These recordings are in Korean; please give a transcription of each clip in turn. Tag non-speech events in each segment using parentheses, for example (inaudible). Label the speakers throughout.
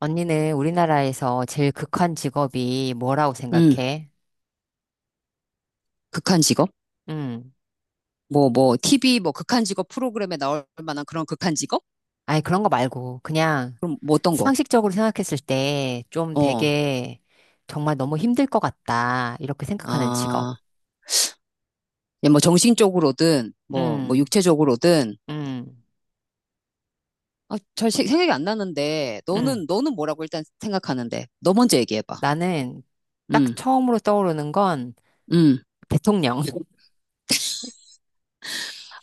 Speaker 1: 언니는 우리나라에서 제일 극한 직업이 뭐라고
Speaker 2: 음,
Speaker 1: 생각해?
Speaker 2: 극한 직업?
Speaker 1: 음.
Speaker 2: TV, 극한 직업 프로그램에 나올 만한 그런 극한 직업?
Speaker 1: 아니, 그런 거 말고, 그냥
Speaker 2: 그럼 뭐 어떤 거?
Speaker 1: 상식적으로 생각했을 때 좀
Speaker 2: 어,
Speaker 1: 되게 정말 너무 힘들 것 같다. 이렇게 생각하는 직업.
Speaker 2: 아, 예, 정신적으로든,
Speaker 1: 음,
Speaker 2: 육체적으로든,
Speaker 1: 음,
Speaker 2: 생각이 안 나는데,
Speaker 1: 음.
Speaker 2: 너는 뭐라고 일단 생각하는데, 너 먼저 얘기해봐.
Speaker 1: 나는 딱
Speaker 2: 음,
Speaker 1: 처음으로 떠오르는 건
Speaker 2: 음.
Speaker 1: 대통령. (laughs)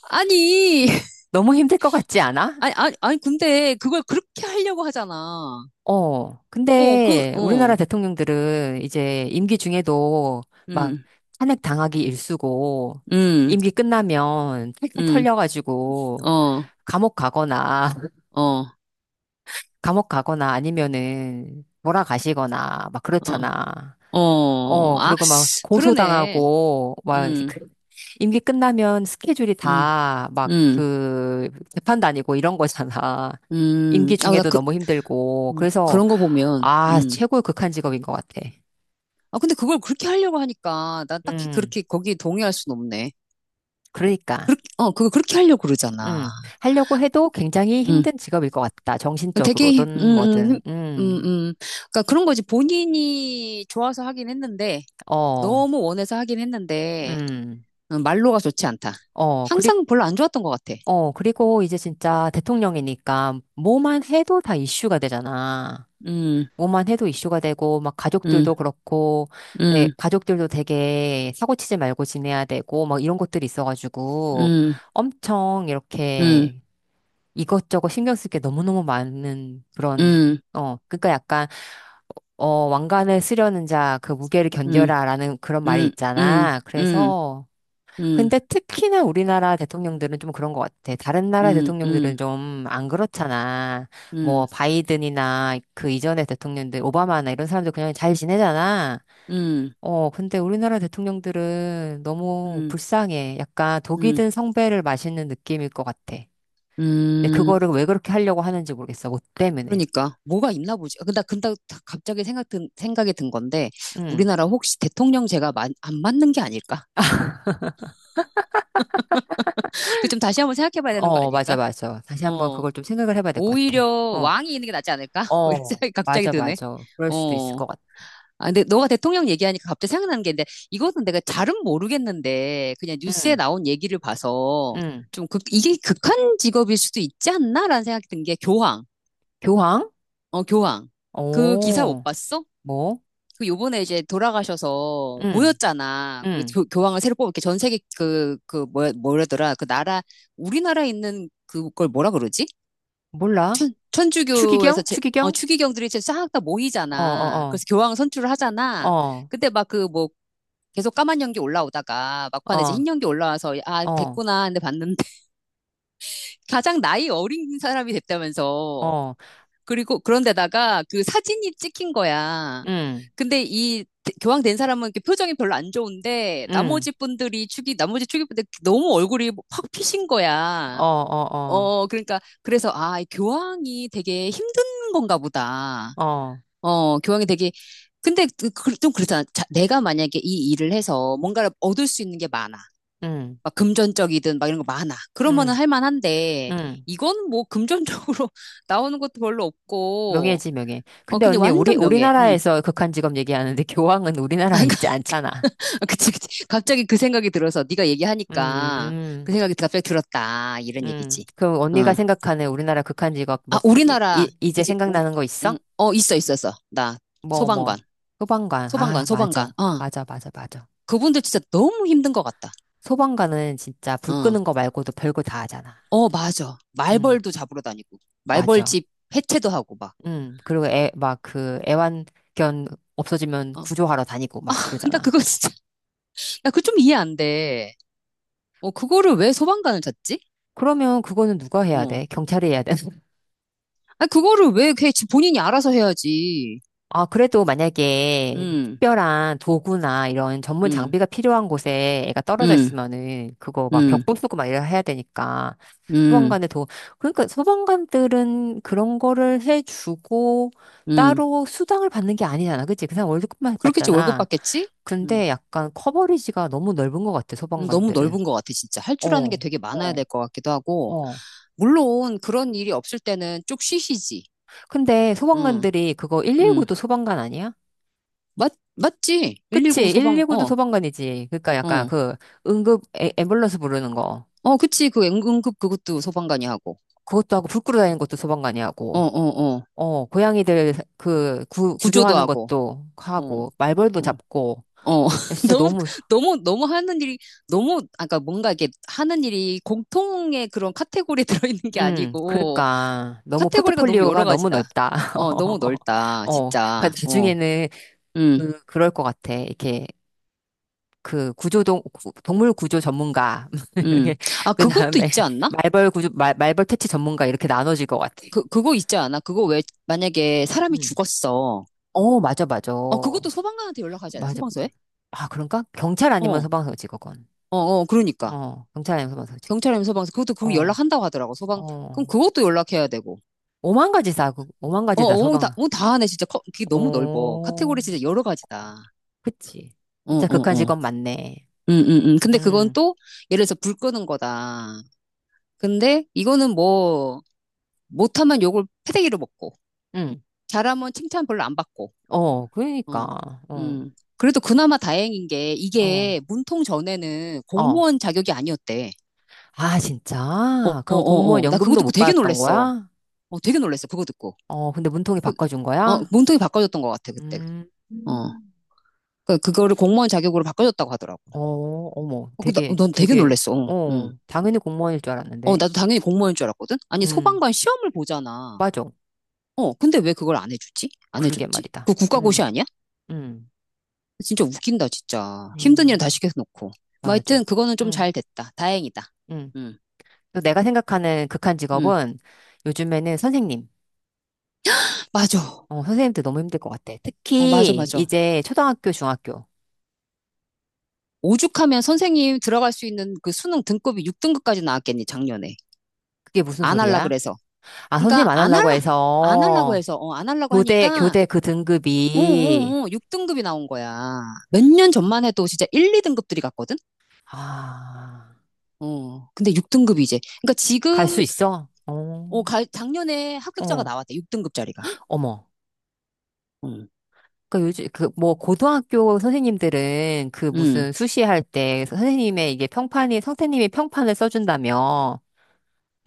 Speaker 2: 아니, (laughs)
Speaker 1: 너무 힘들 것 같지 않아?
Speaker 2: 아니, 근데 그걸 그렇게 하려고 하잖아.
Speaker 1: 어,
Speaker 2: 어, 그,
Speaker 1: 근데 우리나라
Speaker 2: 어,
Speaker 1: 대통령들은 이제 임기 중에도 막
Speaker 2: 음,
Speaker 1: 탄핵 당하기 일쑤고
Speaker 2: 음,
Speaker 1: 임기 끝나면 탈탈
Speaker 2: 음,
Speaker 1: 털려가지고
Speaker 2: 어, 어,
Speaker 1: 감옥 가거나 (laughs) 감옥 가거나 아니면은 몰아가시거나 막
Speaker 2: 어,
Speaker 1: 그렇잖아.
Speaker 2: 어,
Speaker 1: 어,
Speaker 2: 아,
Speaker 1: 그리고 막
Speaker 2: 그러네.
Speaker 1: 고소당하고 막
Speaker 2: 음.
Speaker 1: 임기 끝나면 스케줄이
Speaker 2: 음,
Speaker 1: 다 막
Speaker 2: 음,
Speaker 1: 그 재판 다니고 이런 거잖아. 임기
Speaker 2: 아,
Speaker 1: 중에도 너무 힘들고
Speaker 2: 어,
Speaker 1: 그래서
Speaker 2: 그런 거 보면,
Speaker 1: 아, 최고의 극한 직업인 것 같아.
Speaker 2: 아, 근데 그걸 그렇게 하려고 하니까, 난 딱히
Speaker 1: 음,
Speaker 2: 그렇게 거기에 동의할 순 없네.
Speaker 1: 그러니까,
Speaker 2: 그렇게, 그거 그렇게 하려고 그러잖아.
Speaker 1: 음, 하려고 해도 굉장히
Speaker 2: 음.
Speaker 1: 힘든 직업일 것 같다.
Speaker 2: 되게,
Speaker 1: 정신적으로든 뭐든,
Speaker 2: 음, 음. 그러니까 그런 거지. 본인이 좋아서 하긴 했는데,
Speaker 1: 어,
Speaker 2: 너무 원해서 하긴 했는데,
Speaker 1: 음,
Speaker 2: 말로가 좋지 않다.
Speaker 1: 어, 그리,
Speaker 2: 항상 별로 안 좋았던 것 같아.
Speaker 1: 어, 그리고 이제 진짜 대통령이니까 뭐만 해도 다 이슈가 되잖아.
Speaker 2: 음,
Speaker 1: 뭐만 해도 이슈가 되고, 막 가족들도
Speaker 2: 음,
Speaker 1: 그렇고, 네,
Speaker 2: 음,
Speaker 1: 가족들도 되게 사고치지 말고 지내야 되고, 막 이런 것들이 있어가지고,
Speaker 2: 음,
Speaker 1: 엄청
Speaker 2: 음,
Speaker 1: 이렇게 이것저것 신경 쓸 게 너무너무 많은 그런,
Speaker 2: 음,
Speaker 1: 어, 그러니까 약간, 어, 왕관을 쓰려는 자, 그 무게를
Speaker 2: 음,
Speaker 1: 견뎌라라는 그런 말이
Speaker 2: 음, 음,
Speaker 1: 있잖아.
Speaker 2: 음,
Speaker 1: 그래서,
Speaker 2: 음,
Speaker 1: 근데 특히나 우리나라 대통령들은 좀 그런 것 같아. 다른 나라
Speaker 2: 음,
Speaker 1: 대통령들은
Speaker 2: 음.
Speaker 1: 좀 안 그렇잖아.
Speaker 2: 음,
Speaker 1: 뭐, 바이든이나 그 이전의 대통령들, 오바마나 이런 사람들 그냥 잘 지내잖아.
Speaker 2: 음,
Speaker 1: 어, 근데 우리나라 대통령들은 너무
Speaker 2: 음,
Speaker 1: 불쌍해. 약간 독이
Speaker 2: 음,
Speaker 1: 든 성배를 마시는 느낌일 것 같아. 근데
Speaker 2: 음.
Speaker 1: 그거를 왜 그렇게 하려고 하는지 모르겠어. 뭐 때문에.
Speaker 2: 그러니까 뭐가 있나 보지. 아, 근데 갑자기 생각이 든 건데
Speaker 1: 응.
Speaker 2: 우리나라 혹시 대통령제가 안 맞는 게 아닐까? (laughs) 그 좀 다시 한번 생각해 봐야 되는 거
Speaker 1: 어, 맞아,
Speaker 2: 아닐까?
Speaker 1: 맞아. 다시 한번
Speaker 2: 어.
Speaker 1: 그걸 좀 생각을 해봐야 될 것 같아.
Speaker 2: 오히려
Speaker 1: 어,
Speaker 2: 왕이 있는 게 낫지 않을까? (laughs) 뭐 이런
Speaker 1: 어,
Speaker 2: 생각이 갑자기
Speaker 1: 맞아,
Speaker 2: 드네.
Speaker 1: 맞아. 그럴 수도 있을
Speaker 2: 어.
Speaker 1: 것 같아.
Speaker 2: 아, 근데 너가 대통령 얘기하니까 갑자기 생각나는 게 있는데 이거는 내가 잘은 모르겠는데 그냥 뉴스에
Speaker 1: 응,
Speaker 2: 나온 얘기를 봐서
Speaker 1: 응.
Speaker 2: 좀 극, 이게 극한 직업일 수도 있지 않나라는 생각이 든 게 교황.
Speaker 1: 교황?
Speaker 2: 어, 교황. 그 기사 못
Speaker 1: 오,
Speaker 2: 봤어?
Speaker 1: 뭐?
Speaker 2: 그 요번에 이제 돌아가셔서
Speaker 1: 응,
Speaker 2: 모였잖아. 거기
Speaker 1: 응.
Speaker 2: 교, 교황을 새로 뽑을 게 전 세계 뭐라더라. 그 나라, 우리나라에 있는 그걸 뭐라 그러지?
Speaker 1: 몰라.
Speaker 2: 천주교에서
Speaker 1: 추기경? 추기경?
Speaker 2: 추기경들이 이제 싹 다
Speaker 1: 어,
Speaker 2: 모이잖아.
Speaker 1: 어,
Speaker 2: 그래서 교황 선출을 하잖아.
Speaker 1: 어,
Speaker 2: 근데 막 계속 까만 연기 올라오다가
Speaker 1: 어,
Speaker 2: 막판에 이제
Speaker 1: 어,
Speaker 2: 흰 연기 올라와서 아
Speaker 1: 어,
Speaker 2: 됐구나 근데 봤는데 (laughs) 가장 나이 어린 사람이 됐다면서
Speaker 1: 어,
Speaker 2: 그리고 그런데다가 그 사진이 찍힌 거야.
Speaker 1: 응,
Speaker 2: 근데 이 교황된 사람은 이렇게 표정이 별로 안 좋은데
Speaker 1: 응,
Speaker 2: 나머지 분들이 축이 분들 너무 얼굴이 확 피신
Speaker 1: 어,
Speaker 2: 거야.
Speaker 1: 어,
Speaker 2: 어 그러니까 그래서 아이 교황이 되게 힘든 건가 보다.
Speaker 1: 어, 어,
Speaker 2: 어 교황이 되게 근데 좀 그렇잖아. 자, 내가 만약에 이 일을 해서 뭔가를 얻을 수 있는 게 많아.
Speaker 1: 응,
Speaker 2: 막 금전적이든 막 이런 거 많아. 그러면은
Speaker 1: 응,
Speaker 2: 할 만한데
Speaker 1: 응.
Speaker 2: 이건 뭐 금전적으로 (laughs) 나오는 것도 별로 없고
Speaker 1: 명예지, 명예.
Speaker 2: 어,
Speaker 1: 근데
Speaker 2: 근데
Speaker 1: 언니,
Speaker 2: 완전 명예. 응.
Speaker 1: 우리나라에서 극한 직업 얘기하는데 (laughs) 교황은 우리나라에 있지
Speaker 2: (laughs)
Speaker 1: 않잖아.
Speaker 2: 아, 그치. 갑자기 그 생각이 들어서 네가 얘기하니까 그
Speaker 1: 음,
Speaker 2: 생각이 갑자기 들었다. 이런 얘기지.
Speaker 1: 그럼 언니가
Speaker 2: 응.
Speaker 1: 생각하는 우리나라 극한 직업, 뭐,
Speaker 2: 아,
Speaker 1: 이,
Speaker 2: 우리나라.
Speaker 1: 이제
Speaker 2: 그치, 우리,
Speaker 1: 생각나는 거 있어?
Speaker 2: 응. 어, 있었어. 나
Speaker 1: 뭐,
Speaker 2: 소방관.
Speaker 1: 뭐. 소방관. 아,
Speaker 2: 소방관.
Speaker 1: 맞아.
Speaker 2: 어.
Speaker 1: 맞아, 맞아, 맞아.
Speaker 2: 그분들 진짜 너무 힘든 것 같다.
Speaker 1: 소방관은 진짜 불
Speaker 2: 어.
Speaker 1: 끄는 거 말고도 별거 다 하잖아.
Speaker 2: 어, 맞아.
Speaker 1: 음,
Speaker 2: 말벌도 잡으러 다니고.
Speaker 1: 맞아.
Speaker 2: 말벌집 해체도 하고 막.
Speaker 1: 그리고 애, 막 그 애완견 없어지면
Speaker 2: 어.
Speaker 1: 구조하러 다니고 막
Speaker 2: (laughs) 나
Speaker 1: 그러잖아.
Speaker 2: 그거 진짜, 나 그거 좀 이해 안 돼. 어, 그거를 왜 소방관을 찾지?
Speaker 1: 그러면 그거는 누가 해야
Speaker 2: 어.
Speaker 1: 돼? 경찰이 해야
Speaker 2: 아, 그거를 왜, 걔 본인이 알아서 해야지.
Speaker 1: 아, 그래도 만약에
Speaker 2: 음.
Speaker 1: 특별한 도구나 이런 전문
Speaker 2: 음,
Speaker 1: 장비가 필요한 곳에 애가 떨어져
Speaker 2: 음,
Speaker 1: 있으면은 그거 막
Speaker 2: 음,
Speaker 1: 벽 부수고 막 이래야 해야 되니까
Speaker 2: 음,
Speaker 1: 소방관의 도, 그러니까 소방관들은 그런 거를 해주고
Speaker 2: 음.
Speaker 1: 따로 수당을 받는 게 아니잖아. 그치? 그 사람 월급만
Speaker 2: 그렇겠지, 월급
Speaker 1: 받잖아.
Speaker 2: 받겠지? 음.
Speaker 1: 근데 약간 커버리지가 너무 넓은 것 같아,
Speaker 2: 너무
Speaker 1: 소방관들은.
Speaker 2: 넓은 것 같아, 진짜. 할 줄 아는 게
Speaker 1: 어,
Speaker 2: 되게 많아야
Speaker 1: 어,
Speaker 2: 될 것 같기도 하고.
Speaker 1: 어.
Speaker 2: 물론, 그런 일이 없을 때는 쭉 쉬시지.
Speaker 1: 근데
Speaker 2: 응,
Speaker 1: 소방관들이 그거
Speaker 2: 응.
Speaker 1: 119도 소방관 아니야?
Speaker 2: 맞지?
Speaker 1: 그치?
Speaker 2: 119 소방,
Speaker 1: 119도
Speaker 2: 어,
Speaker 1: 소방관이지. 그러니까 약간
Speaker 2: 어.
Speaker 1: 그 응급 에, 앰뷸런스 부르는 거.
Speaker 2: 어, 그치. 그 응급 그것도 소방관이 하고.
Speaker 1: 그것도 하고 불 끄러 다니는 것도 소방관이
Speaker 2: 어,
Speaker 1: 하고.
Speaker 2: 어, 어.
Speaker 1: 어, 고양이들 그
Speaker 2: 구조도
Speaker 1: 구조하는
Speaker 2: 하고.
Speaker 1: 것도
Speaker 2: 어,
Speaker 1: 하고 말벌도
Speaker 2: 어.
Speaker 1: 잡고.
Speaker 2: 어, (laughs)
Speaker 1: 진짜
Speaker 2: 너무,
Speaker 1: 너무
Speaker 2: 너무 하는 일이, 너무, 아까 뭔가 이게 하는 일이 공통의 그런 카테고리에 (laughs) 들어있는 게 아니고,
Speaker 1: 그러니까 너무
Speaker 2: 카테고리가 너무 여러
Speaker 1: 포트폴리오가 너무
Speaker 2: 가지다.
Speaker 1: 넓다.
Speaker 2: 어, 너무
Speaker 1: (laughs)
Speaker 2: 넓다,
Speaker 1: 어, 그러니까
Speaker 2: 진짜.
Speaker 1: 나중에는
Speaker 2: 음,
Speaker 1: 그 그럴 것 같아. 이렇게 그 구조동 동물 구조 전문가 (laughs)
Speaker 2: 음.
Speaker 1: 이렇게
Speaker 2: 아, 그것도
Speaker 1: 그다음에
Speaker 2: 있지 않나?
Speaker 1: 말벌 구조 말, 말벌 퇴치 전문가 이렇게 나눠질 것 같아.
Speaker 2: 그거 있지 않아? 그거 왜, 만약에 사람이
Speaker 1: 음.
Speaker 2: 죽었어.
Speaker 1: 어, 맞아, 맞아.
Speaker 2: 어, 그것도 소방관한테 연락하지 않아?
Speaker 1: 맞아.
Speaker 2: 소방서에?
Speaker 1: 아, 그런가? 경찰
Speaker 2: 어,
Speaker 1: 아니면
Speaker 2: 어,
Speaker 1: 소방서지, 그건.
Speaker 2: 그러니까.
Speaker 1: 어, 경찰 아니면 소방서지.
Speaker 2: 경찰이면 소방서. 그것도 그거
Speaker 1: 어,
Speaker 2: 연락한다고 하더라고, 소방. 그럼
Speaker 1: 어.
Speaker 2: 그것도 연락해야 되고.
Speaker 1: 오만 가지 다, 오만 가지 다 소방.
Speaker 2: 다 하네, 진짜. 그게 너무 넓어. 카테고리
Speaker 1: 오,
Speaker 2: 진짜 여러
Speaker 1: 어,
Speaker 2: 가지다.
Speaker 1: 그치.
Speaker 2: 어,
Speaker 1: 진짜
Speaker 2: 어,
Speaker 1: 극한 직업
Speaker 2: 어.
Speaker 1: 맞네.
Speaker 2: 근데 그건
Speaker 1: 음,
Speaker 2: 또, 예를 들어서 불 끄는 거다. 근데 이거는 뭐, 못하면 욕을 패대기로 먹고,
Speaker 1: 음.
Speaker 2: 잘하면 칭찬 별로 안 받고,
Speaker 1: 어,
Speaker 2: 어,
Speaker 1: 그러니까. 어,
Speaker 2: 음. 그래도 그나마 다행인 게,
Speaker 1: 어,
Speaker 2: 이게 문통 전에는
Speaker 1: 어.
Speaker 2: 공무원 자격이 아니었대.
Speaker 1: 아, 진짜? 그럼 공무원
Speaker 2: 나 그거
Speaker 1: 연금도
Speaker 2: 듣고
Speaker 1: 못
Speaker 2: 되게
Speaker 1: 받았던
Speaker 2: 놀랬어.
Speaker 1: 거야?
Speaker 2: 어, 되게 놀랬어. 그거 듣고.
Speaker 1: 어, 근데 문통이 바꿔준
Speaker 2: 어,
Speaker 1: 거야?
Speaker 2: 문통이 바꿔줬던 것 같아, 그때.
Speaker 1: 음.
Speaker 2: 어. 그, 그거를 공무원 자격으로 바꿔줬다고 하더라고.
Speaker 1: 어, 어머,
Speaker 2: 어,
Speaker 1: 되게,
Speaker 2: 넌 되게
Speaker 1: 되게,
Speaker 2: 놀랬어. 어, 응.
Speaker 1: 어, 당연히 공무원일 줄
Speaker 2: 어,
Speaker 1: 알았는데.
Speaker 2: 나도 당연히 공무원인 줄 알았거든? 아니,
Speaker 1: 음,
Speaker 2: 소방관 시험을 보잖아.
Speaker 1: 맞아.
Speaker 2: 어, 근데 왜 그걸 안 해주지? 안
Speaker 1: 그러게
Speaker 2: 해줬지? 그
Speaker 1: 말이다.
Speaker 2: 국가고시 아니야?
Speaker 1: 음,
Speaker 2: 진짜 웃긴다, 진짜. 힘든 일은 다
Speaker 1: 음,
Speaker 2: 시켜놓고. 뭐
Speaker 1: 맞아.
Speaker 2: 하여튼 그거는 좀
Speaker 1: 음,
Speaker 2: 잘 됐다. 다행이다.
Speaker 1: 음.
Speaker 2: 응,
Speaker 1: 또 내가 생각하는 극한
Speaker 2: 응.
Speaker 1: 직업은 요즘에는 선생님.
Speaker 2: 맞아.
Speaker 1: 어, 선생님들 너무 힘들 것 같아.
Speaker 2: 어,
Speaker 1: 특히
Speaker 2: 맞아.
Speaker 1: 이제 초등학교, 중학교.
Speaker 2: 오죽하면 선생님 들어갈 수 있는 그 수능 등급이 6등급까지 나왔겠니, 작년에.
Speaker 1: 그게 무슨
Speaker 2: 안 할라
Speaker 1: 소리야?
Speaker 2: 그래서.
Speaker 1: 아, 선생님
Speaker 2: 그러니까
Speaker 1: 안
Speaker 2: 안
Speaker 1: 하려고
Speaker 2: 할라. 안 하려고
Speaker 1: 해서
Speaker 2: 해서 어, 안 하려고
Speaker 1: 교대,
Speaker 2: 하니까
Speaker 1: 교대 그 등급이,
Speaker 2: 어, 6등급이 나온 거야. 몇 년 전만 해도 진짜 1, 2등급들이 갔거든?
Speaker 1: 아,
Speaker 2: 어. 근데 6등급이 이제. 그러니까
Speaker 1: 갈 수
Speaker 2: 지금
Speaker 1: 있어? 어,
Speaker 2: 어, 작년에 합격자가
Speaker 1: 어,
Speaker 2: 나왔대. 6등급짜리가.
Speaker 1: 어머.
Speaker 2: 응.
Speaker 1: 그 요즘 그 뭐 고등학교 선생님들은 그
Speaker 2: 음, 음.
Speaker 1: 무슨 수시할 때 선생님의 이게 평판이 선생님이 평판을 써준다며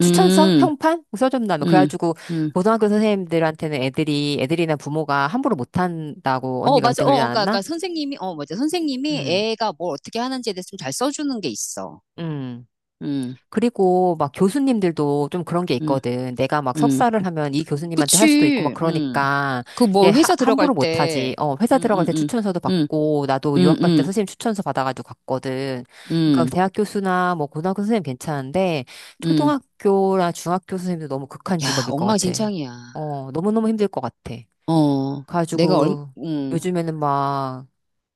Speaker 1: 추천서
Speaker 2: 음.
Speaker 1: 평판 써준다며
Speaker 2: 음,
Speaker 1: 그래가지고
Speaker 2: 음.
Speaker 1: 고등학교 선생님들한테는 애들이 애들이나 부모가 함부로 못한다고
Speaker 2: 어,
Speaker 1: 언니가
Speaker 2: 맞아.
Speaker 1: 그때 그러지 않았나?
Speaker 2: 그러니까 선생님이, 어, 맞아. 선생님이
Speaker 1: 음,
Speaker 2: 애가 뭘 어떻게 하는지에 대해서 좀 잘 써주는 게 있어.
Speaker 1: 음.
Speaker 2: 음,
Speaker 1: 그리고 막 교수님들도 좀 그런 게
Speaker 2: 음,
Speaker 1: 있거든. 내가 막
Speaker 2: 음.
Speaker 1: 석사를 하면 이 교수님한테 할 수도 있고 막
Speaker 2: 그치.
Speaker 1: 그러니까
Speaker 2: 그 뭐 회사 들어갈
Speaker 1: 함부로
Speaker 2: 때,
Speaker 1: 못하지. 어, 회사
Speaker 2: 음,
Speaker 1: 들어갈
Speaker 2: 음,
Speaker 1: 때 추천서도
Speaker 2: 음,
Speaker 1: 받고 나도
Speaker 2: 음,
Speaker 1: 유학 갈 때
Speaker 2: 음,
Speaker 1: 선생님 추천서 받아가지고 갔거든. 그러니까
Speaker 2: 음, 음,
Speaker 1: 대학 교수나 뭐 고등학교 선생님 괜찮은데
Speaker 2: 음.
Speaker 1: 초등학교나 중학교 선생님도 너무 극한
Speaker 2: 야,
Speaker 1: 직업일 것 같아.
Speaker 2: 엉망진창이야.
Speaker 1: 어, 너무너무 힘들 것 같아.
Speaker 2: 어, 내가 얼,
Speaker 1: 가지고 요즘에는 막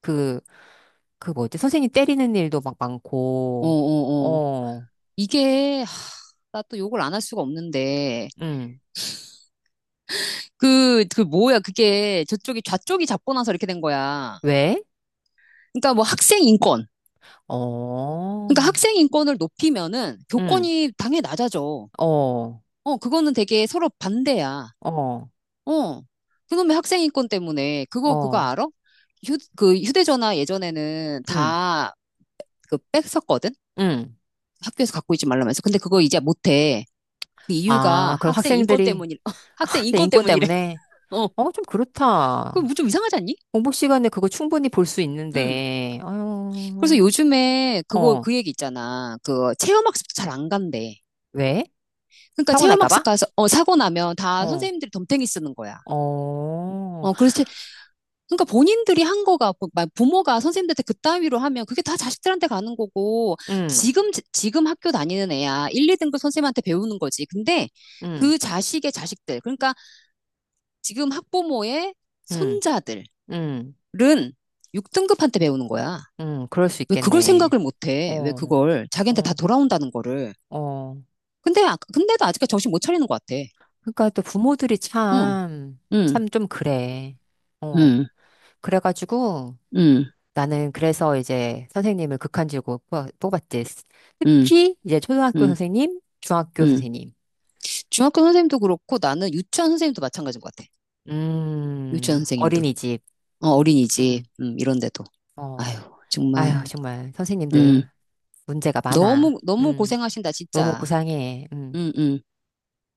Speaker 1: 그, 그 뭐지? 선생님 때리는 일도 막
Speaker 2: 어,
Speaker 1: 많고,
Speaker 2: 어, 어.
Speaker 1: 어,
Speaker 2: 이게, 나 또 욕을 안 할 수가 없는데.
Speaker 1: 응.
Speaker 2: 그 뭐야, 좌쪽이 잡고 나서 이렇게 된 거야.
Speaker 1: 왜?
Speaker 2: 그러니까 뭐 학생 인권. 그러니까
Speaker 1: 어,
Speaker 2: 학생 인권을 높이면은
Speaker 1: 응,
Speaker 2: 교권이 당연히 낮아져.
Speaker 1: 어,
Speaker 2: 어, 그거는 되게 서로 반대야.
Speaker 1: 어,
Speaker 2: 어, 그놈의 학생 인권 때문에 그거
Speaker 1: 어,
Speaker 2: 알아? 휴, 그 휴대전화 예전에는
Speaker 1: 응,
Speaker 2: 다 그 뺐었거든.
Speaker 1: 응.
Speaker 2: 학교에서 갖고 있지 말라면서. 근데 그거 이제 못해. 그 이유가
Speaker 1: 아, 그럼
Speaker 2: 학생 인권
Speaker 1: 학생들이,
Speaker 2: 때문이 (laughs)
Speaker 1: 아,
Speaker 2: 학생
Speaker 1: 학생
Speaker 2: 인권
Speaker 1: 인권
Speaker 2: 때문이래.
Speaker 1: 때문에,
Speaker 2: (laughs) 어,
Speaker 1: 어, 좀
Speaker 2: 그거 뭐
Speaker 1: 그렇다.
Speaker 2: 좀 이상하지 않니?
Speaker 1: 공부 시간에 그거 충분히 볼 수
Speaker 2: 응.
Speaker 1: 있는데,
Speaker 2: 그래서
Speaker 1: 어,
Speaker 2: 요즘에 그거
Speaker 1: 어,
Speaker 2: 그 얘기 있잖아. 그 체험학습도 잘 안 간대.
Speaker 1: 왜?
Speaker 2: 그러니까
Speaker 1: 사고 날까
Speaker 2: 체험학습
Speaker 1: 봐?
Speaker 2: 가서 어 사고 나면 다
Speaker 1: 어,
Speaker 2: 선생님들이 덤탱이 쓰는 거야.
Speaker 1: 어,
Speaker 2: 어, 그래서 그러니까 본인들이 한 거가 부모가 선생님들한테 그따위로 하면 그게 다 자식들한테 가는 거고
Speaker 1: 응,
Speaker 2: 지금 학교 다니는 애야 1, 2등급 선생님한테 배우는 거지. 근데
Speaker 1: 응,
Speaker 2: 그 자식의 자식들 그러니까 지금 학부모의
Speaker 1: 응,
Speaker 2: 손자들은
Speaker 1: 응,
Speaker 2: 6등급한테 배우는 거야.
Speaker 1: 응, 그럴 수
Speaker 2: 왜 그걸
Speaker 1: 있겠네.
Speaker 2: 생각을 못 해? 왜
Speaker 1: 어,
Speaker 2: 그걸 자기한테 다
Speaker 1: 어,
Speaker 2: 돌아온다는 거를.
Speaker 1: 어.
Speaker 2: 근데 근데도 아직까지 정신 못 차리는 것 같아.
Speaker 1: 그러니까 또 부모들이
Speaker 2: 응.
Speaker 1: 참,
Speaker 2: 응.
Speaker 1: 참 좀 그래. 어,
Speaker 2: 응.
Speaker 1: 그래가지고,
Speaker 2: 응.
Speaker 1: 나는 그래서 이제 선생님을 극한직으로 뽑았지.
Speaker 2: 응.
Speaker 1: 특히 이제 초등학교
Speaker 2: 응.
Speaker 1: 선생님, 중학교
Speaker 2: 응.
Speaker 1: 선생님.
Speaker 2: 중학교 선생님도 그렇고 나는 유치원 선생님도 마찬가지인 것 같아. 유치원 선생님도,
Speaker 1: 어린이집.
Speaker 2: 어, 어린이집,
Speaker 1: 음,
Speaker 2: 이런 데도.
Speaker 1: 어.
Speaker 2: 아유,
Speaker 1: 아휴,
Speaker 2: 정말,
Speaker 1: 정말
Speaker 2: 음,
Speaker 1: 선생님들 문제가 많아.
Speaker 2: 너무, 너무 고생하신다,
Speaker 1: 너무
Speaker 2: 진짜.
Speaker 1: 고상해. 음.
Speaker 2: 음, 음.